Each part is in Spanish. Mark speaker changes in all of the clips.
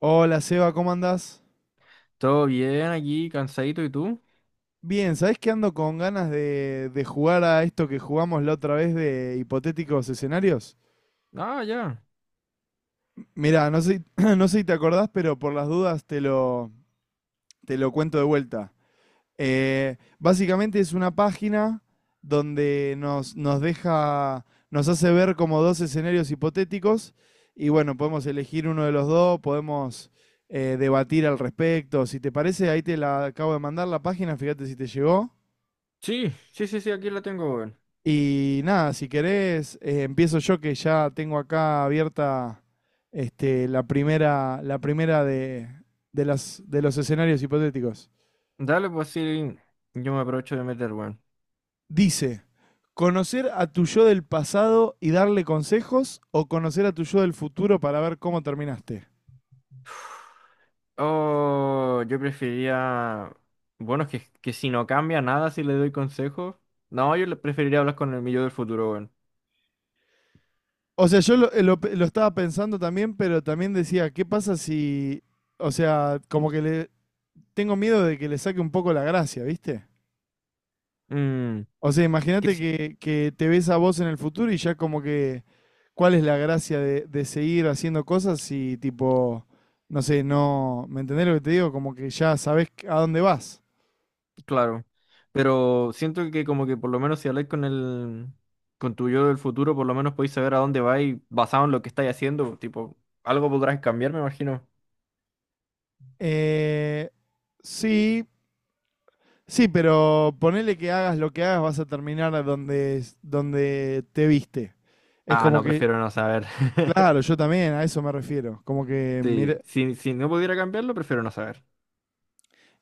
Speaker 1: Hola Seba, ¿cómo andás?
Speaker 2: Todo bien aquí, cansadito, ¿y tú?
Speaker 1: Bien, ¿sabés que ando con ganas de jugar a esto que jugamos la otra vez de hipotéticos escenarios?
Speaker 2: Ah, ya.
Speaker 1: Mirá, no sé, no sé si te acordás, pero por las dudas te lo cuento de vuelta. Básicamente es una página donde nos deja, nos hace ver como dos escenarios hipotéticos y bueno, podemos elegir uno de los dos, podemos debatir al respecto. Si te parece, ahí te la acabo de mandar la página, fíjate si te llegó.
Speaker 2: Sí, sí, sí, sí, aquí la tengo, weón.
Speaker 1: Y nada, si querés, empiezo yo que ya tengo acá abierta la primera de las, de los escenarios hipotéticos.
Speaker 2: Dale, pues sí, yo me aprovecho de meter, weón.
Speaker 1: Dice, ¿conocer a tu yo del pasado y darle consejos o conocer a tu yo del futuro para ver cómo terminaste?
Speaker 2: Oh, yo preferiría... Bueno, es que si no cambia nada, si le doy consejos. No, yo le preferiría hablar con el mi yo del futuro, weón.
Speaker 1: O sea, lo estaba pensando también, pero también decía, ¿qué pasa si, o sea, como que le tengo miedo de que le saque un poco la gracia, ¿viste?
Speaker 2: Mm,
Speaker 1: O sea,
Speaker 2: que
Speaker 1: imagínate
Speaker 2: sí,
Speaker 1: que te ves a vos en el futuro y ya como que, ¿cuál es la gracia de seguir haciendo cosas si tipo, no sé, no, ¿me entendés lo que te digo? Como que ya sabés a dónde vas.
Speaker 2: claro. Pero siento que como que por lo menos si habláis con el... Con tu yo del futuro, por lo menos podéis saber a dónde vais basado en lo que estáis haciendo. Tipo, algo podrás cambiar, me imagino.
Speaker 1: Eh, sí, sí, pero ponele que hagas lo que hagas, vas a terminar a donde, donde te viste. Es
Speaker 2: Ah,
Speaker 1: como
Speaker 2: no,
Speaker 1: que,
Speaker 2: prefiero no saber.
Speaker 1: claro, yo también a eso me refiero. Como que, mira,
Speaker 2: Sí, si no pudiera cambiarlo, prefiero no saber.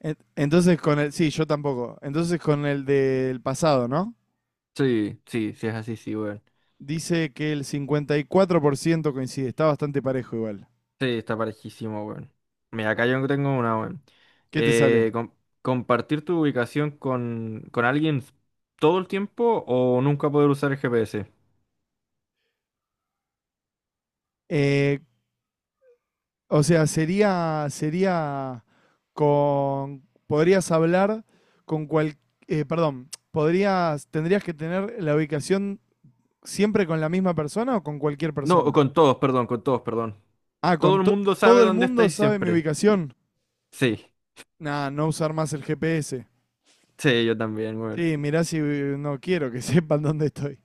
Speaker 1: entonces con el, sí, yo tampoco. Entonces con el del pasado, ¿no?
Speaker 2: Sí, sí, sí es así, sí, weón.
Speaker 1: Dice que el 54% coincide. Está bastante parejo igual.
Speaker 2: Sí, está parejísimo, weón. Mira, acá yo tengo una, weón.
Speaker 1: ¿Qué te sale?
Speaker 2: Eh, com- Compartir tu ubicación con alguien todo el tiempo o nunca poder usar el GPS.
Speaker 1: Eh, o sea, sería con... Podrías hablar con cual... perdón, podrías, tendrías que tener la ubicación siempre con la misma persona o con cualquier
Speaker 2: No, o
Speaker 1: persona.
Speaker 2: con todos, perdón, con todos, perdón.
Speaker 1: Ah,
Speaker 2: Todo
Speaker 1: con
Speaker 2: el mundo
Speaker 1: todo
Speaker 2: sabe
Speaker 1: el
Speaker 2: dónde
Speaker 1: mundo
Speaker 2: estáis
Speaker 1: sabe mi
Speaker 2: siempre.
Speaker 1: ubicación.
Speaker 2: Sí,
Speaker 1: Nah, no usar más el GPS.
Speaker 2: sí, yo también, weón.
Speaker 1: Sí, mirá si no quiero que sepan dónde estoy.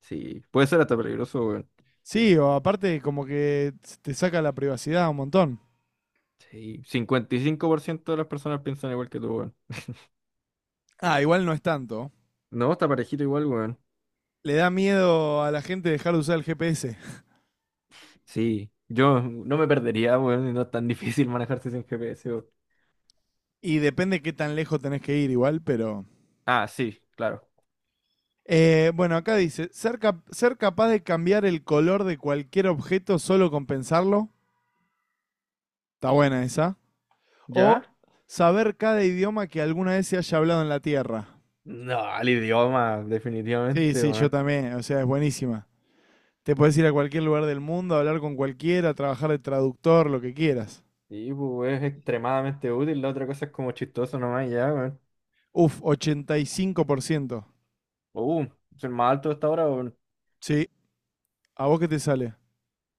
Speaker 2: Sí, puede ser hasta peligroso, weón.
Speaker 1: Sí, o aparte como que te saca la privacidad un montón.
Speaker 2: Sí, 55% de las personas piensan igual que tú, weón.
Speaker 1: Ah, igual no es tanto.
Speaker 2: No, está parejito igual, weón.
Speaker 1: Le da miedo a la gente dejar de usar el GPS.
Speaker 2: Sí, yo no me perdería, weón. Y no es tan difícil manejarse sin G GPS, weón.
Speaker 1: Y depende qué tan lejos tenés que ir igual, pero...
Speaker 2: Ah, sí, claro.
Speaker 1: Bueno, acá dice, ser capaz de cambiar el color de cualquier objeto solo con pensarlo. Está buena esa. O
Speaker 2: ¿Ya?
Speaker 1: saber cada idioma que alguna vez se haya hablado en la Tierra.
Speaker 2: No, el idioma,
Speaker 1: Sí,
Speaker 2: definitivamente,
Speaker 1: sí, yo
Speaker 2: weón.
Speaker 1: también. O sea, es buenísima. Te puedes ir a cualquier lugar del mundo, hablar con cualquiera, trabajar de traductor, lo que quieras.
Speaker 2: Sí, pues, es extremadamente útil. La otra cosa es como chistoso nomás, ya, weón.
Speaker 1: Uf, 85%.
Speaker 2: Uh, Soy más alto hasta ahora, weón.
Speaker 1: Sí, ¿a vos qué te sale?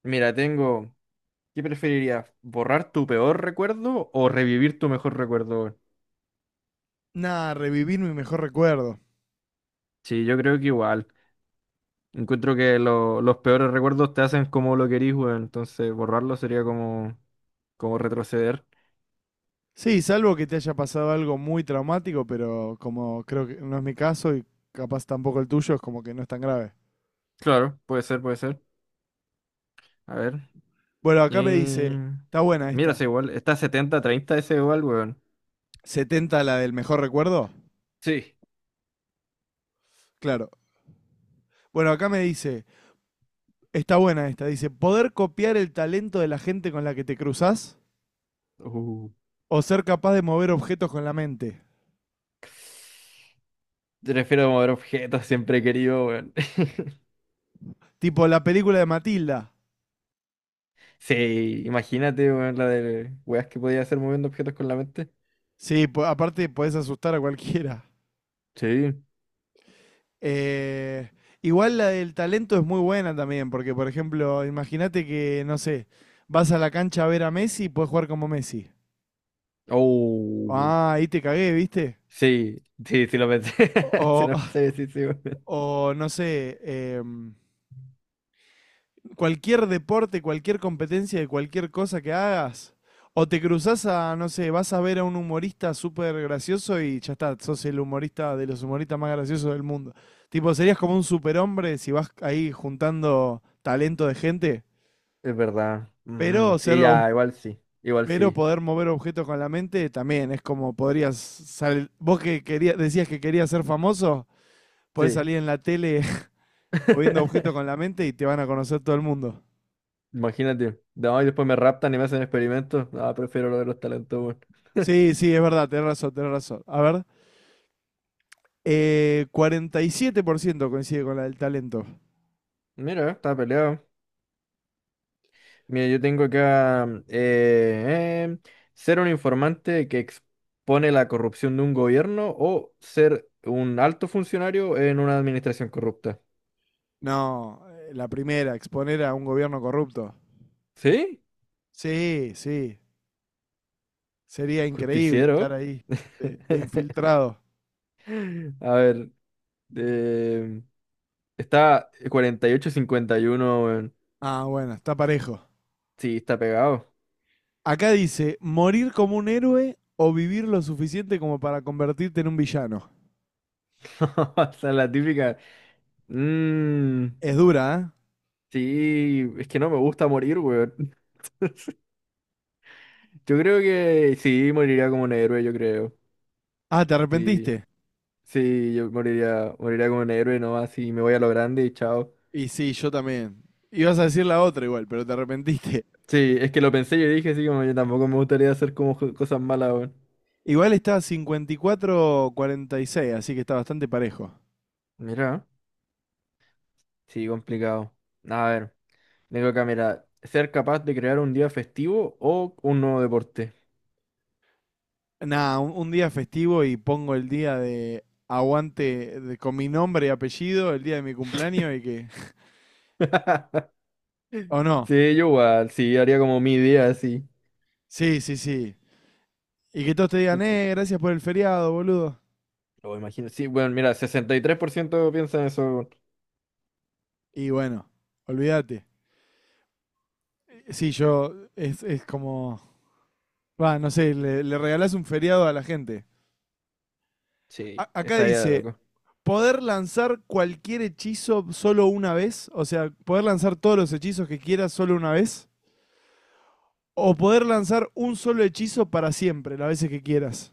Speaker 2: Mira, tengo. ¿Qué preferirías? ¿Borrar tu peor recuerdo o revivir tu mejor recuerdo, weón?
Speaker 1: Nah, revivir mi mejor recuerdo.
Speaker 2: Sí, yo creo que igual. Encuentro que los peores recuerdos te hacen como lo querís, weón. Entonces borrarlo sería como retroceder.
Speaker 1: Sí, salvo que te haya pasado algo muy traumático, pero como creo que no es mi caso y capaz tampoco el tuyo, es como que no es tan grave.
Speaker 2: Claro, puede ser, puede ser. A ver.
Speaker 1: Bueno,
Speaker 2: Y...
Speaker 1: acá me dice, está buena
Speaker 2: Mira, es
Speaker 1: esta.
Speaker 2: igual. Está 70-30, ese igual, weón.
Speaker 1: ¿Setenta la del mejor recuerdo?
Speaker 2: Sí.
Speaker 1: Claro. Bueno, acá me dice, está buena esta. Dice, ¿poder copiar el talento de la gente con la que te cruzas?
Speaker 2: Uh,
Speaker 1: ¿O ser capaz de mover objetos con la mente?
Speaker 2: Te refiero mover objetos, siempre he querido, weón.
Speaker 1: Tipo la película de Matilda.
Speaker 2: Sí, imagínate, weón, la de weas que podía hacer moviendo objetos con la mente.
Speaker 1: Sí, aparte podés asustar a cualquiera.
Speaker 2: Sí.
Speaker 1: Eh, Igual la del talento es muy buena también, porque por ejemplo, imagínate que, no sé, vas a la cancha a ver a Messi y puedes jugar como Messi.
Speaker 2: Oh.
Speaker 1: Ah, ahí te cagué, ¿viste?
Speaker 2: Sí, sí, sí lo pensé. Sí
Speaker 1: O,
Speaker 2: lo pensé, sí, sí, weón.
Speaker 1: o no sé, em, cualquier deporte, cualquier competencia de cualquier cosa que hagas. O te cruzas a, no sé, vas a ver a un humorista súper gracioso y ya está, sos el humorista de los humoristas más graciosos del mundo. Tipo, serías como un superhombre si vas ahí juntando talento de gente.
Speaker 2: Es verdad. Mm,
Speaker 1: Pero ser,
Speaker 2: sí,
Speaker 1: ob-
Speaker 2: ya, igual sí. Igual
Speaker 1: pero
Speaker 2: sí.
Speaker 1: poder mover objetos con la mente también es como podrías salir. Vos que querías, decías que querías ser famoso, podés
Speaker 2: Sí.
Speaker 1: salir en la tele moviendo objetos con la mente y te van a conocer todo el mundo.
Speaker 2: Imagínate. No, y después me raptan y me hacen experimentos. No, prefiero lo de los talentos, weón.
Speaker 1: Sí, sí, es verdad, tenés razón, tenés razón. A ver, 47% coincide con la del talento.
Speaker 2: Mira, está peleado. Mira, yo tengo acá ser un informante que expone la corrupción de un gobierno o ser un alto funcionario en una administración corrupta.
Speaker 1: No, la primera, exponer a un gobierno corrupto.
Speaker 2: ¿Sí?
Speaker 1: Sí, sí, sería increíble estar
Speaker 2: Justiciero.
Speaker 1: ahí de infiltrado.
Speaker 2: A ver. em, Está 48-51, weón.
Speaker 1: Ah, bueno, está parejo.
Speaker 2: Sí, está pegado.
Speaker 1: Acá dice, morir como un héroe o vivir lo suficiente como para convertirte en un villano.
Speaker 2: Esa es la típica. Mm,
Speaker 1: Es dura, ¿eh?
Speaker 2: sí, es que no me gusta morir, weón. Yo creo que sí, moriría como un héroe, yo creo.
Speaker 1: Ah, ¿te
Speaker 2: Sí,
Speaker 1: arrepentiste?
Speaker 2: sí, yo moriría, como un héroe nomás y me voy a lo grande y chao.
Speaker 1: Y sí, yo también. Ibas a decir la otra igual, pero te arrepentiste.
Speaker 2: Sí, es que lo pensé y dije, sí, como yo tampoco me gustaría hacer como cosas malas, weón.
Speaker 1: Igual está 54 a 46, así que está bastante parejo.
Speaker 2: Mira, sí, complicado. A ver, tengo acá, mira, ser capaz de crear un día festivo o un nuevo deporte.
Speaker 1: Nada, un día festivo y pongo el día de aguante con mi nombre y apellido, el día de mi cumpleaños y que... ¿O no?
Speaker 2: Sí, yo igual, sí, haría como mi día así.
Speaker 1: Sí, sí, sí. Y que todos te
Speaker 2: Lo
Speaker 1: digan, gracias por el feriado, boludo.
Speaker 2: imagino. Sí, bueno, mira, 63% piensa en eso, weón.
Speaker 1: Y bueno, olvídate. Sí, yo. Es como. Va, no sé, le regalás un feriado a la gente.
Speaker 2: Sí,
Speaker 1: Acá
Speaker 2: estaría de
Speaker 1: dice:
Speaker 2: loco.
Speaker 1: poder lanzar cualquier hechizo solo una vez. O sea, poder lanzar todos los hechizos que quieras solo una vez. O poder lanzar un solo hechizo para siempre, las veces que quieras.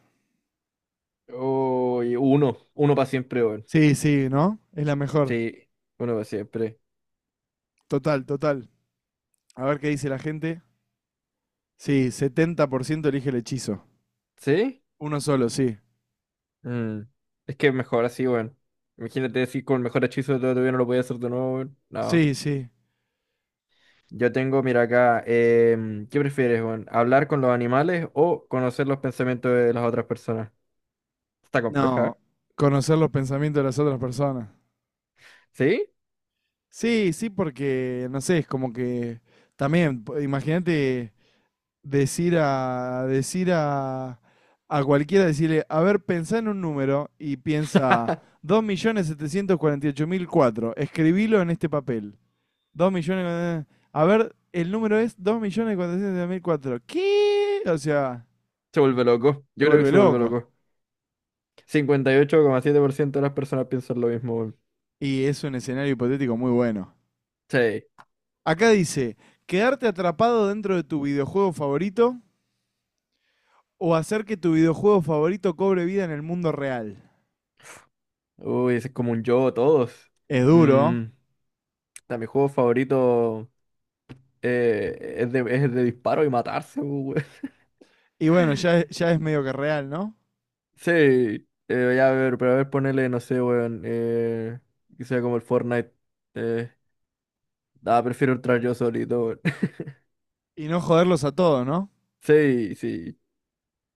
Speaker 2: Oh, y uno para siempre, weón.
Speaker 1: Sí, sí, ¿no? Es la mejor.
Speaker 2: Sí, uno para siempre.
Speaker 1: Total, total. A ver qué dice la gente. Sí, 70% elige el hechizo.
Speaker 2: ¿Sí?
Speaker 1: Uno solo, sí.
Speaker 2: Mm, es que mejor así, weón. Imagínate decir con el mejor hechizo de todo todavía no lo podía hacer de nuevo, weón. No.
Speaker 1: Sí, sí.
Speaker 2: Yo tengo, mira acá, ¿qué prefieres, weón? ¿Hablar con los animales o conocer los pensamientos de las otras personas? Está compleja, ¿eh?
Speaker 1: No, conocer los pensamientos de las otras personas.
Speaker 2: ¿Sí?
Speaker 1: Sí, sí, porque no sé, es como que también, imagínate decir a cualquiera, decirle, a ver, pensá en un número y piensa 2.748.004, escribilo en este papel. Dos millones, a ver, el número es dos millones cuatrocientos setenta y ocho mil cuatro, ¿qué? O sea,
Speaker 2: Se vuelve loco.
Speaker 1: te
Speaker 2: Yo creo que
Speaker 1: vuelve
Speaker 2: se vuelve
Speaker 1: loco.
Speaker 2: loco. 58,7% de las personas piensan lo mismo. Weón.
Speaker 1: Y es un escenario hipotético muy bueno.
Speaker 2: Sí.
Speaker 1: Acá dice, quedarte atrapado dentro de tu videojuego favorito o hacer que tu videojuego favorito cobre vida en el mundo real.
Speaker 2: Uy, ese es como un yo, todos.
Speaker 1: Es duro.
Speaker 2: Mm, ta, mi juego favorito es de disparo y matarse, weón.
Speaker 1: Y bueno, ya, ya es medio que real, ¿no?
Speaker 2: Sí, ya a ver, pero a ver, ponele, no sé, weón. Que sea como el Fortnite. Eh, Prefiero entrar yo solito, weón.
Speaker 1: Y no joderlos a todos, ¿no?
Speaker 2: Sí, sí.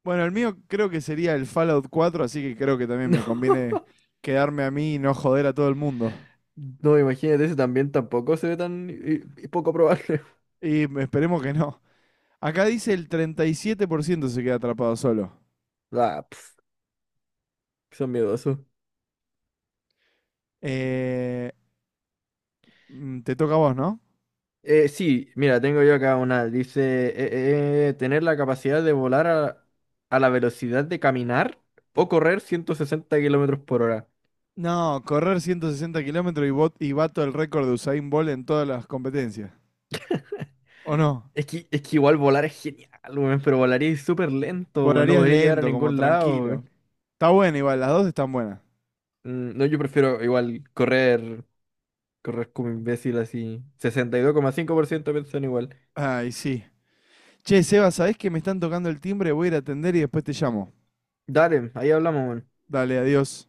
Speaker 1: Bueno, el mío creo que sería el Fallout 4, así que creo que también
Speaker 2: No,
Speaker 1: me conviene quedarme a mí y no joder a todo el mundo.
Speaker 2: no, imagínate, ese también tampoco se ve tan y poco probable.
Speaker 1: Y esperemos que no. Acá dice el 37% se queda atrapado solo.
Speaker 2: Ah, pf, son miedosos.
Speaker 1: Eh, te toca a vos, ¿no?
Speaker 2: Sí, mira, tengo yo acá una. Dice, tener la capacidad de volar a la velocidad de caminar o correr 160 km/h.
Speaker 1: No, correr 160 kilómetros y, y bato el récord de Usain Bolt en todas las competencias. ¿O no?
Speaker 2: Es que igual volar es genial, weón, pero volaría súper lento, weón, no
Speaker 1: Volarías
Speaker 2: podría llegar a
Speaker 1: lento, como
Speaker 2: ningún lado,
Speaker 1: tranquilo.
Speaker 2: weón.
Speaker 1: Está buena igual, las dos están buenas.
Speaker 2: Mm, no, yo prefiero igual correr, como imbécil así. 62,5% piensan igual.
Speaker 1: Ay, sí. Che, Seba, ¿sabés que me están tocando el timbre? Voy a ir a atender y después te llamo.
Speaker 2: Dale, ahí hablamos, weón.
Speaker 1: Dale, adiós.